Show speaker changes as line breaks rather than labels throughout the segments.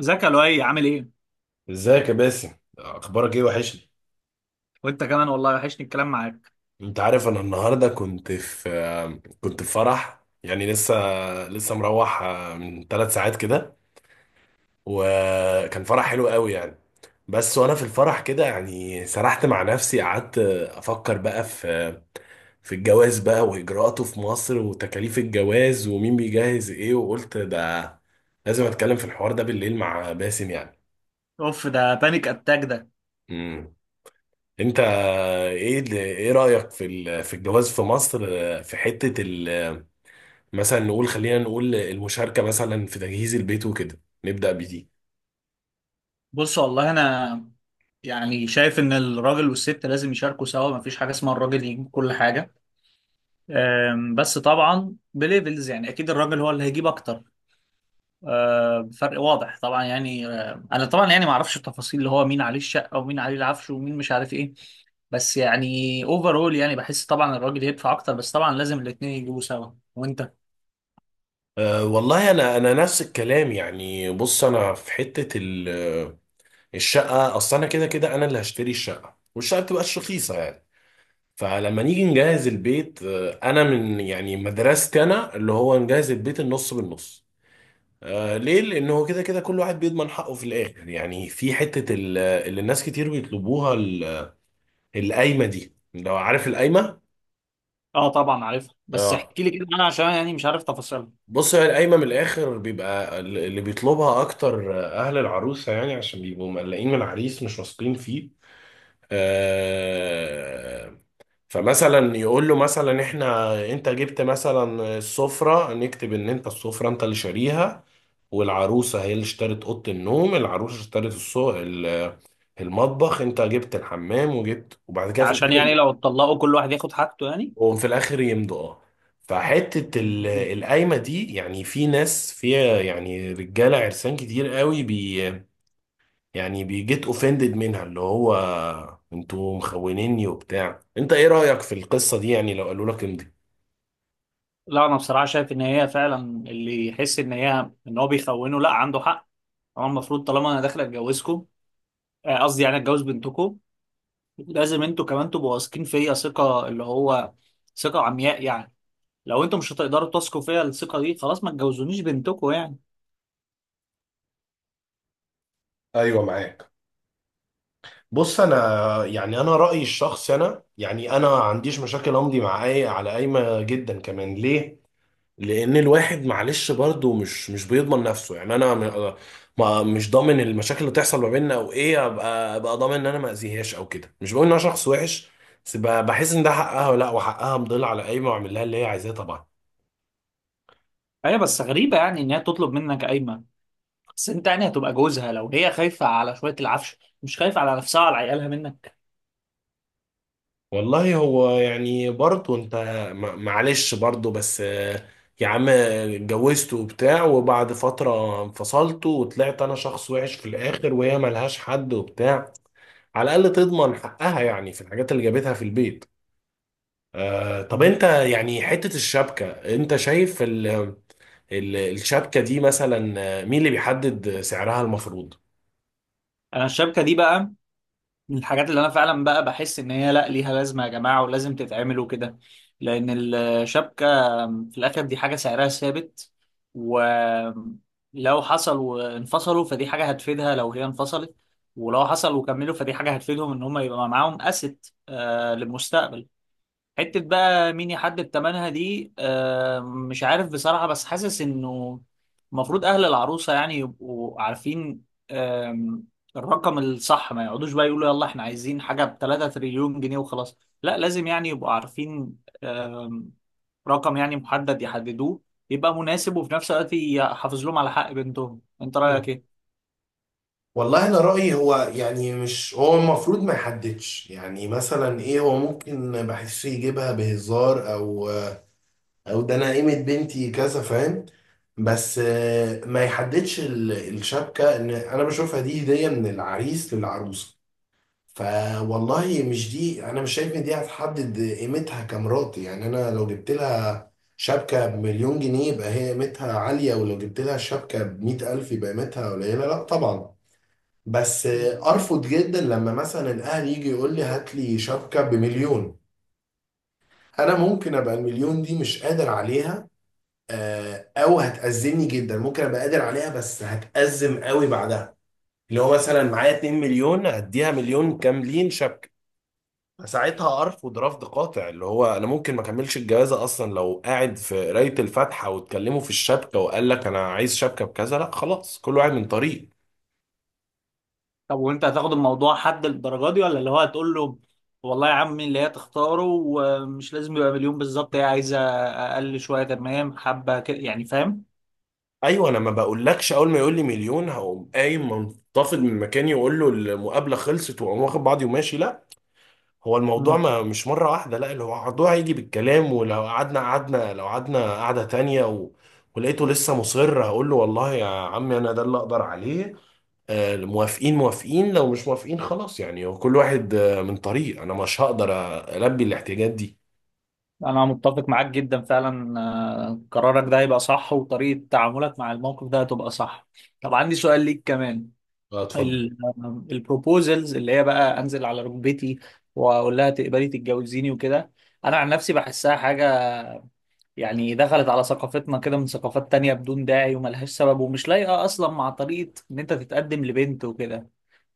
ازيك يا لؤي عامل ايه؟
ازيك يا باسم، اخبارك ايه؟ وحشني.
وانت كمان والله وحشني الكلام معاك.
انت عارف، انا النهارده كنت في فرح يعني. لسه مروح من 3 ساعات كده. وكان فرح حلو قوي يعني. بس وانا في الفرح كده يعني سرحت مع نفسي، قعدت افكر بقى في الجواز بقى واجراءاته في مصر وتكاليف الجواز ومين بيجهز ايه، وقلت ده لازم اتكلم في الحوار ده بالليل مع باسم يعني.
اوف، ده بانيك اتاك ده.
امم انت ايه رأيك في الجواز في مصر؟ في مثلا نقول، خلينا نقول المشاركة مثلا في تجهيز البيت وكده نبدأ بدي.
بص والله انا يعني شايف ان الراجل والست لازم يشاركوا سوا، مفيش حاجه اسمها الراجل يجيب كل حاجه. بس طبعا بليفلز يعني اكيد الراجل هو اللي هيجيب اكتر. فرق واضح طبعا يعني. انا طبعا يعني ما اعرفش التفاصيل اللي هو مين عليه الشقه ومين عليه العفش ومين مش عارف ايه. بس يعني اوفرول يعني بحس طبعا الراجل يدفع اكتر، بس طبعا لازم الاتنين يجيبوا سوا. وانت؟
أه والله انا، نفس الكلام يعني. بص انا في الشقة، اصل انا كده كده انا اللي هشتري الشقة، والشقة بتبقاش رخيصة يعني. فلما نيجي نجهز البيت، انا من يعني مدرستي انا اللي هو نجهز البيت النص بالنص. آه ليه؟ لأن هو كده كده كل واحد بيضمن حقه في الآخر يعني. في اللي الناس كتير بيطلبوها، القايمة دي. لو عارف القايمة؟
اه طبعا عارفها، بس
اه.
احكي لي كده انا عشان يعني مش عارف تفاصيلها.
بص، هي القايمة من الآخر بيبقى اللي بيطلبها أكتر، أهل العروسة يعني، عشان بيبقوا مقلقين من العريس، مش واثقين فيه. آه. فمثلا يقول له مثلا احنا، انت جبت مثلا السفرة، نكتب ان انت السفرة انت اللي شاريها، والعروسة هي اللي اشترت أوضة النوم. العروسة اشترت المطبخ، انت جبت الحمام وجبت، وبعد
ده
كده في
عشان يعني
الاخر
لو اتطلقوا كل واحد ياخد حاجته يعني.
وهم في الاخر يمضوا. اه. فحته
مم.
القايمه دي يعني في ناس فيها يعني رجاله عرسان كتير قوي، يعني بيجيت اوفندد منها، اللي هو انتوا مخونيني وبتاع. انت ايه رايك في القصه دي يعني لو قالوا لك امضي؟
لا انا بصراحه شايف ان هي فعلا، اللي يحس ان هو بيخونه لا عنده حق. هو المفروض طالما انا داخل اتجوزكم، قصدي يعني اتجوز بنتكم، لازم انتوا كمان تبقوا واثقين فيا ثقه اللي هو ثقه عمياء يعني. لو انتوا مش هتقدروا تثقوا فيا الثقه دي، خلاص ما تجوزونيش بنتكم يعني.
ايوه، معاك. بص انا يعني انا رايي الشخصي، انا يعني انا ما عنديش مشاكل امضي مع اي على قايمه جدا كمان. ليه؟ لان الواحد معلش برضه مش بيضمن نفسه يعني. انا ما مش ضامن المشاكل اللي تحصل ما بيننا او ايه، ابقى ضامن ان انا ما اذيهاش او كده. مش بقول ان انا شخص وحش، بس بحس ان ده حقها ولا لا، وحقها مضل على قايمه واعمل لها اللي هي عايزاه طبعا.
هي بس غريبه يعني ان هي تطلب منك قايمه، بس انت يعني هتبقى جوزها. لو هي خايفة على شوية العفش مش خايفة على نفسها وعلى عيالها منك.
والله هو يعني برضه انت معلش برضه. بس يا عم اتجوزت وبتاع وبعد فتره انفصلت، وطلعت انا شخص وحش في الاخر وهي ملهاش حد وبتاع، على الاقل تضمن حقها يعني في الحاجات اللي جابتها في البيت. آه طب انت يعني حتة الشبكة، انت شايف ال الشبكة دي مثلا، مين اللي بيحدد سعرها المفروض؟
انا الشبكة دي بقى من الحاجات اللي انا فعلا بقى بحس ان هي لا، ليها لازمة يا جماعة ولازم تتعمل وكده. لان الشبكة في الاخر دي حاجة سعرها ثابت، ولو حصل وانفصلوا فدي حاجة هتفيدها لو هي انفصلت، ولو حصل وكملوا فدي حاجة هتفيدهم ان هم يبقى معاهم اسيت للمستقبل. حتة بقى مين يحدد تمنها دي مش عارف بصراحة، بس حاسس انه المفروض اهل العروسة يعني يبقوا عارفين. آم، الرقم الصح، ما يقعدوش بقى يقولوا يلا احنا عايزين حاجة ب 3 تريليون جنيه وخلاص، لا لازم يعني يبقوا عارفين. آم، رقم يعني محدد يحددوه، يبقى مناسب وفي نفس الوقت يحافظ لهم على حق بنتهم. انت رأيك ايه؟
والله انا رايي هو يعني مش هو المفروض ما يحددش يعني. مثلا ايه هو ممكن بحسه يجيبها بهزار، او او ده انا قيمه بنتي كذا، فاهم؟ بس ما يحددش الشبكه، ان انا بشوفها دي هديه من العريس للعروسه. فوالله مش دي، انا مش شايف ان دي هتحدد قيمتها كمرات يعني. انا لو جبت لها شبكه بمليون جنيه يبقى هي قيمتها عاليه، ولو جبت لها شبكه بمئة الف يبقى قيمتها قليله؟ لا طبعا. بس ارفض جدا لما مثلا الاهل يجي يقول لي هات لي شبكه بمليون. انا ممكن ابقى المليون دي مش قادر عليها، او هتأزمني جدا. ممكن ابقى قادر عليها بس هتأزم قوي بعدها. اللي هو مثلا معايا 2 مليون اديها مليون كاملين شبكه، ساعتها ارفض رفض قاطع. اللي هو انا ممكن ما اكملش الجوازه اصلا. لو قاعد في قرايه الفاتحه واتكلموا في الشبكه وقال لك انا عايز شبكه بكذا، لا خلاص، كل واحد من طريق.
طب وانت هتاخد الموضوع حد للدرجه دي، ولا اللي هو هتقول له والله يا عمي اللي هي تختاره، ومش لازم يبقى مليون بالظبط، هي عايزه اقل شويه تمام، حبه كده يعني، فاهم؟
ايوه، انا ما بقولكش اول ما يقول لي مليون هقوم قايم منتفض من مكاني واقول له المقابله خلصت واقوم واخد بعضي وماشي، لا. هو الموضوع
مم.
ما مش مره واحده، لا. اللي هو الموضوع هيجي بالكلام، ولو قعدنا قعدنا لو قعدنا قعده تانيه و... ولقيته لسه مصر، هقول له والله يا عمي انا ده اللي اقدر عليه. موافقين موافقين، لو مش موافقين خلاص يعني. هو كل واحد من طريق، انا مش هقدر البي الاحتياجات دي.
انا متفق معاك جدا فعلا، قرارك ده هيبقى صح وطريقة تعاملك مع الموقف ده هتبقى صح. طب عندي سؤال ليك كمان.
اه اتفضل.
البروبوزلز، اللي هي بقى انزل على ركبتي واقول لها تقبلي تتجوزيني وكده، انا عن نفسي بحسها حاجة يعني دخلت على ثقافتنا كده من ثقافات تانية بدون داعي، وملهاش سبب ومش لايقة أصلا مع طريقة إن أنت تتقدم لبنت وكده.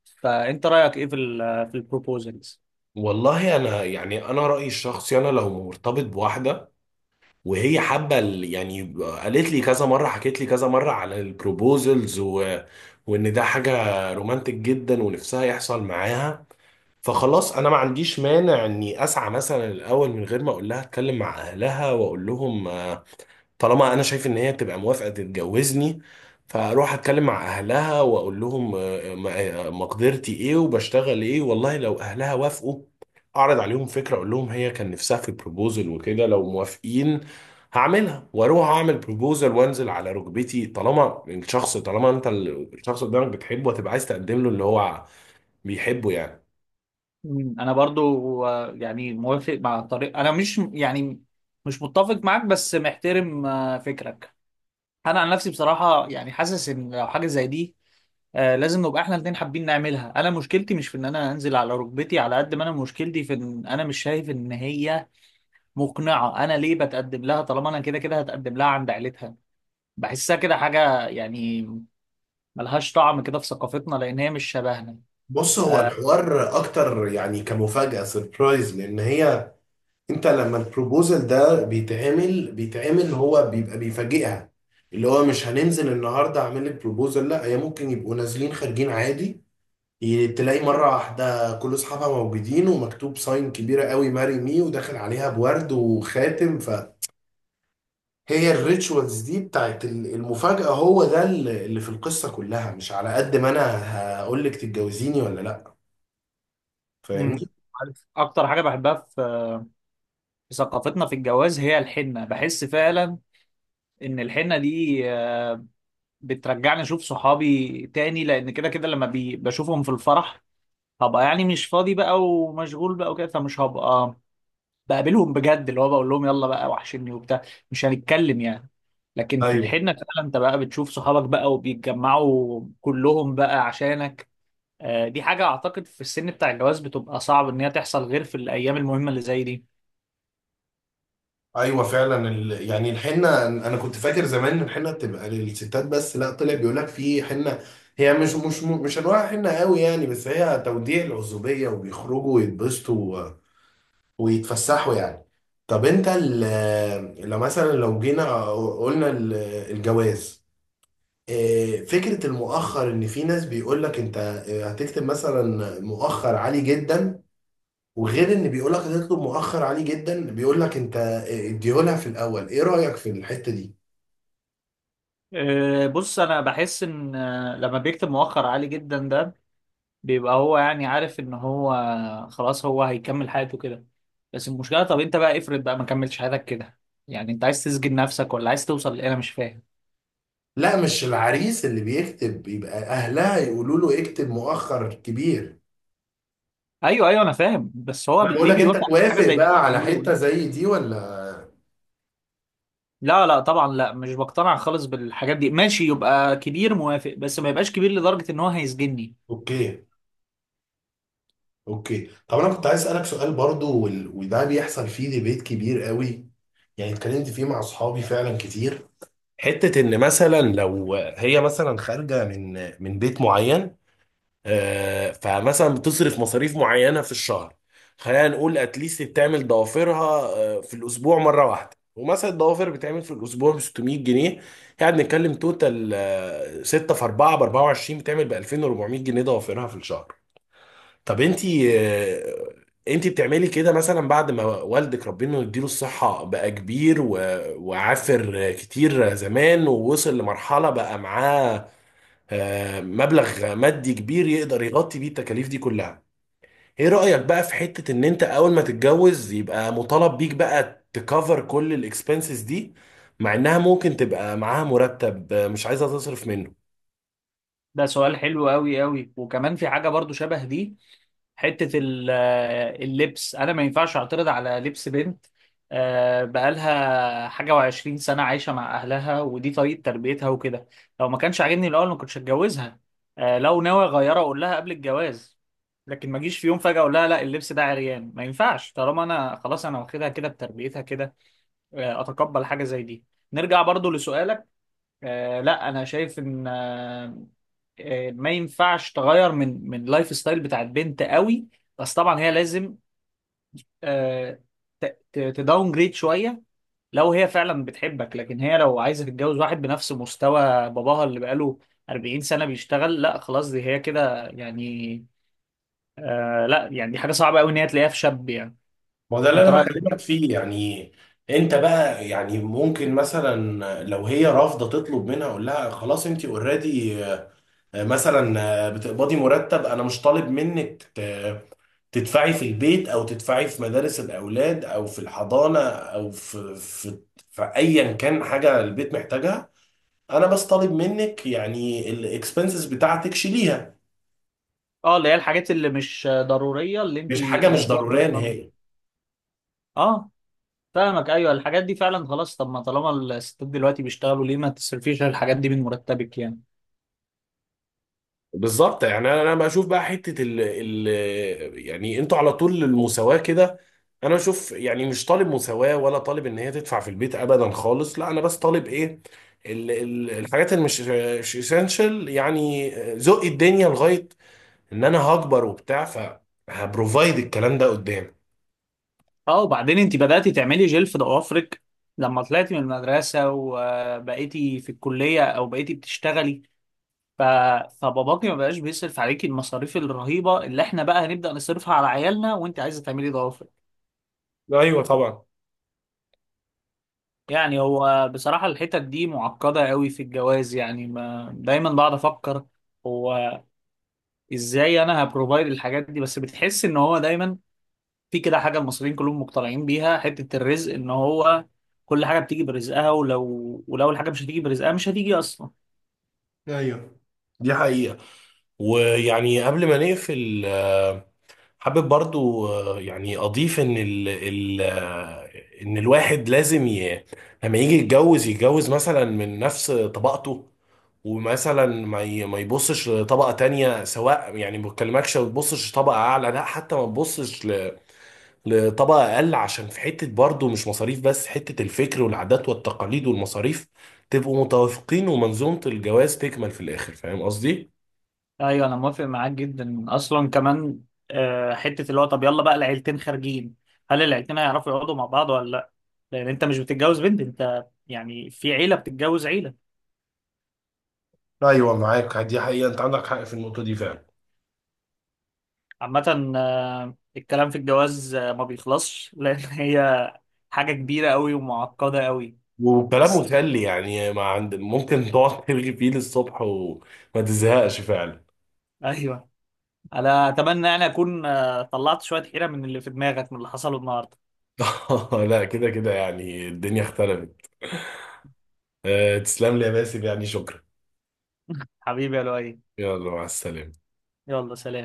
فأنت رأيك إيه في ال في البروبوزلز؟
والله انا يعني انا رايي الشخصي، انا لو مرتبط بواحده وهي حابه يعني قالت لي كذا مره، حكيت لي كذا مره على البروبوزلز و... وان ده حاجه رومانتك جدا ونفسها يحصل معاها، فخلاص انا ما عنديش مانع اني اسعى مثلا. الاول من غير ما اقول لها اتكلم مع اهلها واقول لهم، طالما انا شايف ان هي تبقى موافقه تتجوزني، فاروح اتكلم مع اهلها واقول لهم مقدرتي ايه وبشتغل ايه. والله لو اهلها وافقوا اعرض عليهم فكره، اقول لهم هي كان نفسها في بروبوزل وكده، لو موافقين هعملها واروح اعمل بروبوزل وانزل على ركبتي. طالما الشخص، طالما انت الشخص قدامك بتحبه هتبقى عايز تقدم له اللي هو بيحبه يعني.
أنا برضو، يعني موافق مع طريق، أنا مش يعني مش متفق معاك، بس محترم فكرك. أنا عن نفسي بصراحة يعني حاسس إن لو حاجة زي دي، لازم نبقى احنا الاتنين حابين نعملها. انا مشكلتي مش في ان انا انزل على ركبتي على قد ما انا مشكلتي في ان انا مش شايف ان هي مقنعة أنا ليه بتقدم لها طالما أنا كده كده هتقدم لها عند عيلتها. بحسها كده حاجة يعني ملهاش طعم كده في ثقافتنا، لأن هي مش شبهنا.
بص هو
آه.
الحوار اكتر يعني كمفاجأة سربرايز، لان هي، انت لما البروبوزل ده بيتعمل بيتعمل هو بيبقى بيفاجئها. اللي هو مش هننزل النهارده اعمل لك بروبوزل لا، هي ممكن يبقوا نازلين خارجين عادي، تلاقي مره واحده كل اصحابها موجودين ومكتوب ساين كبيره قوي ماري مي وداخل عليها بورد وخاتم. فهي الريتشوالز دي بتاعت المفاجاه هو ده اللي في القصه كلها، مش على قد ما انا هقول لك تتجوزيني ولا لا.
أمم.
فاهمني؟
عارف أكتر حاجة بحبها في في ثقافتنا في الجواز، هي الحنة. بحس فعلا إن الحنة دي بترجعني أشوف صحابي تاني، لأن كده كده لما بشوفهم في الفرح هبقى يعني مش فاضي بقى ومشغول بقى وكده، فمش هبقى بقابلهم بجد، اللي هو بقول لهم يلا بقى وحشني وبتاع، مش هنتكلم يعني. لكن في
ايوه.
الحنة فعلا انت بقى بتشوف صحابك بقى وبيتجمعوا كلهم بقى عشانك. دي حاجة اعتقد في السن بتاع الجواز بتبقى صعب ان هي تحصل غير في الايام المهمة اللي زي دي.
ايوه فعلا يعني الحنه، انا كنت فاكر زمان ان الحنه بتبقى للستات بس، لا طلع بيقول لك في حنه. هي مش انواع حنه قوي يعني، بس هي توديع العزوبيه وبيخرجوا ويتبسطوا و... ويتفسحوا يعني. طب انت لو مثلا لو جينا قلنا الجواز، إيه، فكره المؤخر؟ ان في ناس بيقول لك انت هتكتب مثلا مؤخر عالي جدا، وغير ان بيقول لك هتطلب مؤخر عليه جدا بيقول لك انت اديهولها في الاول. ايه رايك في الحته دي؟
بص انا بحس ان، لما بيكتب مؤخر عالي جدا ده بيبقى هو يعني عارف ان هو خلاص هو هيكمل حياته كده. بس المشكلة، طب انت بقى افرض بقى ما كملتش حياتك كده، يعني انت عايز تسجن نفسك ولا عايز توصل لايه، انا مش فاهم.
لا مش العريس اللي بيكتب، يبقى اهلها يقولوا له اكتب مؤخر كبير.
ايوه ايوه انا فاهم، بس هو
انا بقول
ليه
لك انت
بيوافق على حاجه
توافق
زي دي؟
بقى على
بيقول
حته
ايه؟
زي دي ولا؟
لا لا طبعا، لا مش بقتنع خالص بالحاجات دي. ماشي يبقى كبير، موافق، بس ما يبقاش كبير لدرجه ان هو هيسجني.
اوكي. اوكي، طب انا كنت عايز اسالك سؤال برضو، وده بيحصل فيه ديبيت كبير قوي يعني، اتكلمت فيه مع اصحابي فعلا كتير. حته ان مثلا لو هي مثلا خارجه من بيت معين، فمثلا بتصرف مصاريف معينة في الشهر. خلينا نقول اتليست بتعمل ضوافرها في الأسبوع مرة واحدة، ومثلا الضوافر بتعمل في الأسبوع ب 600 جنيه. يعني بنتكلم توتال، 6 في 4 ب 24، بتعمل ب 2400 جنيه ضوافرها في الشهر. طب انتي انتي بتعملي كده مثلا بعد ما والدك ربنا يديله الصحة بقى كبير وعافر كتير زمان ووصل لمرحلة بقى معاه مبلغ مادي كبير يقدر يغطي بيه التكاليف دي كلها. ايه رأيك بقى في حتة ان انت اول ما تتجوز يبقى مطالب بيك بقى تكفر كل الاكسبنسز دي، مع انها ممكن تبقى معاها مرتب مش عايزة تصرف منه.
ده سؤال حلو قوي قوي، وكمان في حاجه برضو شبه دي. حتة ال- آه، اللبس، أنا ما ينفعش أعترض على لبس بنت بقالها حاجة وعشرين سنة عايشة مع أهلها، ودي طريقة تربيتها وكده. لو ما كانش عاجبني الأول ما كنتش هتجوزها. لو ناوي أغيرها أقول لها قبل الجواز، لكن ما أجيش في يوم فجأة أقول لها لا اللبس ده عريان ما ينفعش، طالما أنا خلاص أنا واخدها كده بتربيتها كده. أتقبل حاجة زي دي. نرجع برضو لسؤالك. لا أنا شايف إن، ما ينفعش تغير من اللايف ستايل بتاع البنت قوي. بس طبعا هي لازم، آه، تداون جريد شويه لو هي فعلا بتحبك. لكن هي لو عايزه تتجوز واحد بنفس مستوى باباها اللي بقاله 40 سنه بيشتغل، لا خلاص دي هي كده يعني. آه لا يعني دي حاجه صعبه قوي ان هي تلاقيها في شاب يعني.
ما هو ده اللي
انت
انا
رايك؟
بكلمك فيه يعني. انت بقى يعني ممكن مثلا لو هي رافضه تطلب منها اقول لها خلاص انت اوريدي مثلا، بتقبضي مرتب، انا مش طالب منك تدفعي في البيت او تدفعي في مدارس الاولاد او في الحضانه او في ايا كان حاجه البيت محتاجها. انا بس طالب منك يعني الاكسبنسز بتاعتك شيليها،
اه اللي هي الحاجات اللي مش ضروريه اللي انت،
مش حاجه مش ضروريه
آه،
نهائي.
آه، فاهمك، ايوه الحاجات دي فعلا خلاص. طب ما طالما الستات دلوقتي بيشتغلوا، ليه ما تصرفيش على الحاجات دي من مرتبك يعني.
بالظبط، يعني انا، بشوف بقى حته ال ال يعني انتوا على طول المساواه كده. انا بشوف يعني مش طالب مساواه ولا طالب ان هي تدفع في البيت ابدا خالص لا. انا بس طالب ايه؟ ال ال الحاجات اللي مش اسينشال يعني، ذوق الدنيا، لغايه ان انا هكبر وبتاع فهبروفايد الكلام ده قدام.
اه وبعدين انت بدأتي تعملي جل في ضوافرك لما طلعتي من المدرسة وبقيتي في الكلية او بقيتي بتشتغلي، ف... فباباكي ما بقاش بيصرف عليكي المصاريف الرهيبة اللي احنا بقى هنبدأ نصرفها على عيالنا، وانت عايزة تعملي ضوافرك
ايوه طبعا.
يعني. هو بصراحة الحتت دي معقدة قوي في الجواز يعني، ما دايما بقعد افكر هو ازاي انا هبروفايد الحاجات دي. بس بتحس ان هو دايما في كده حاجة المصريين كلهم مقتنعين بيها حتة الرزق، ان هو كل حاجة بتيجي برزقها، ولو الحاجة مش هتيجي برزقها مش هتيجي اصلا.
ايوه دي حقيقة. ويعني قبل ما نقفل، حابب برضو يعني أضيف إن ال ال آه، إن الواحد لازم لما يجي يتجوز يتجوز مثلا من نفس طبقته، ومثلا ما يبصش لطبقة تانية. سواء يعني ما بكلمكش ما تبصش لطبقة أعلى لا، حتى ما تبصش لطبقة أقل، عشان في حتة برضه مش مصاريف بس، حتة الفكر والعادات والتقاليد والمصاريف. تبقوا متوافقين ومنظومة الجواز تكمل في الآخر. فاهم قصدي؟
ايوه انا موافق معاك جدا، اصلا كمان حتة اللي هو طب يلا بقى العيلتين خارجين، هل العيلتين هيعرفوا يقعدوا مع بعض ولا لا؟ لان انت مش بتتجوز بنت، انت يعني في عيلة بتتجوز عيلة.
ايوه معاك، دي حقيقه، انت عندك حق في النقطه دي فعلا.
عامة الكلام في الجواز ما بيخلصش، لان هي حاجة كبيرة قوي ومعقدة قوي.
وكلام
بس
مسلي يعني، ما عند ممكن تقعد ترغي فيه للصبح وما تزهقش فعلا.
ايوه، انا اتمنى يعني اكون طلعت شويه حيره من اللي في دماغك من اللي حصله النهارده.
لا كده كده يعني الدنيا اختلفت. أه، تسلم لي يا باسم يعني، شكرا.
حبيبي يا لؤي،
يلا مع السلامة.
يلا سلام.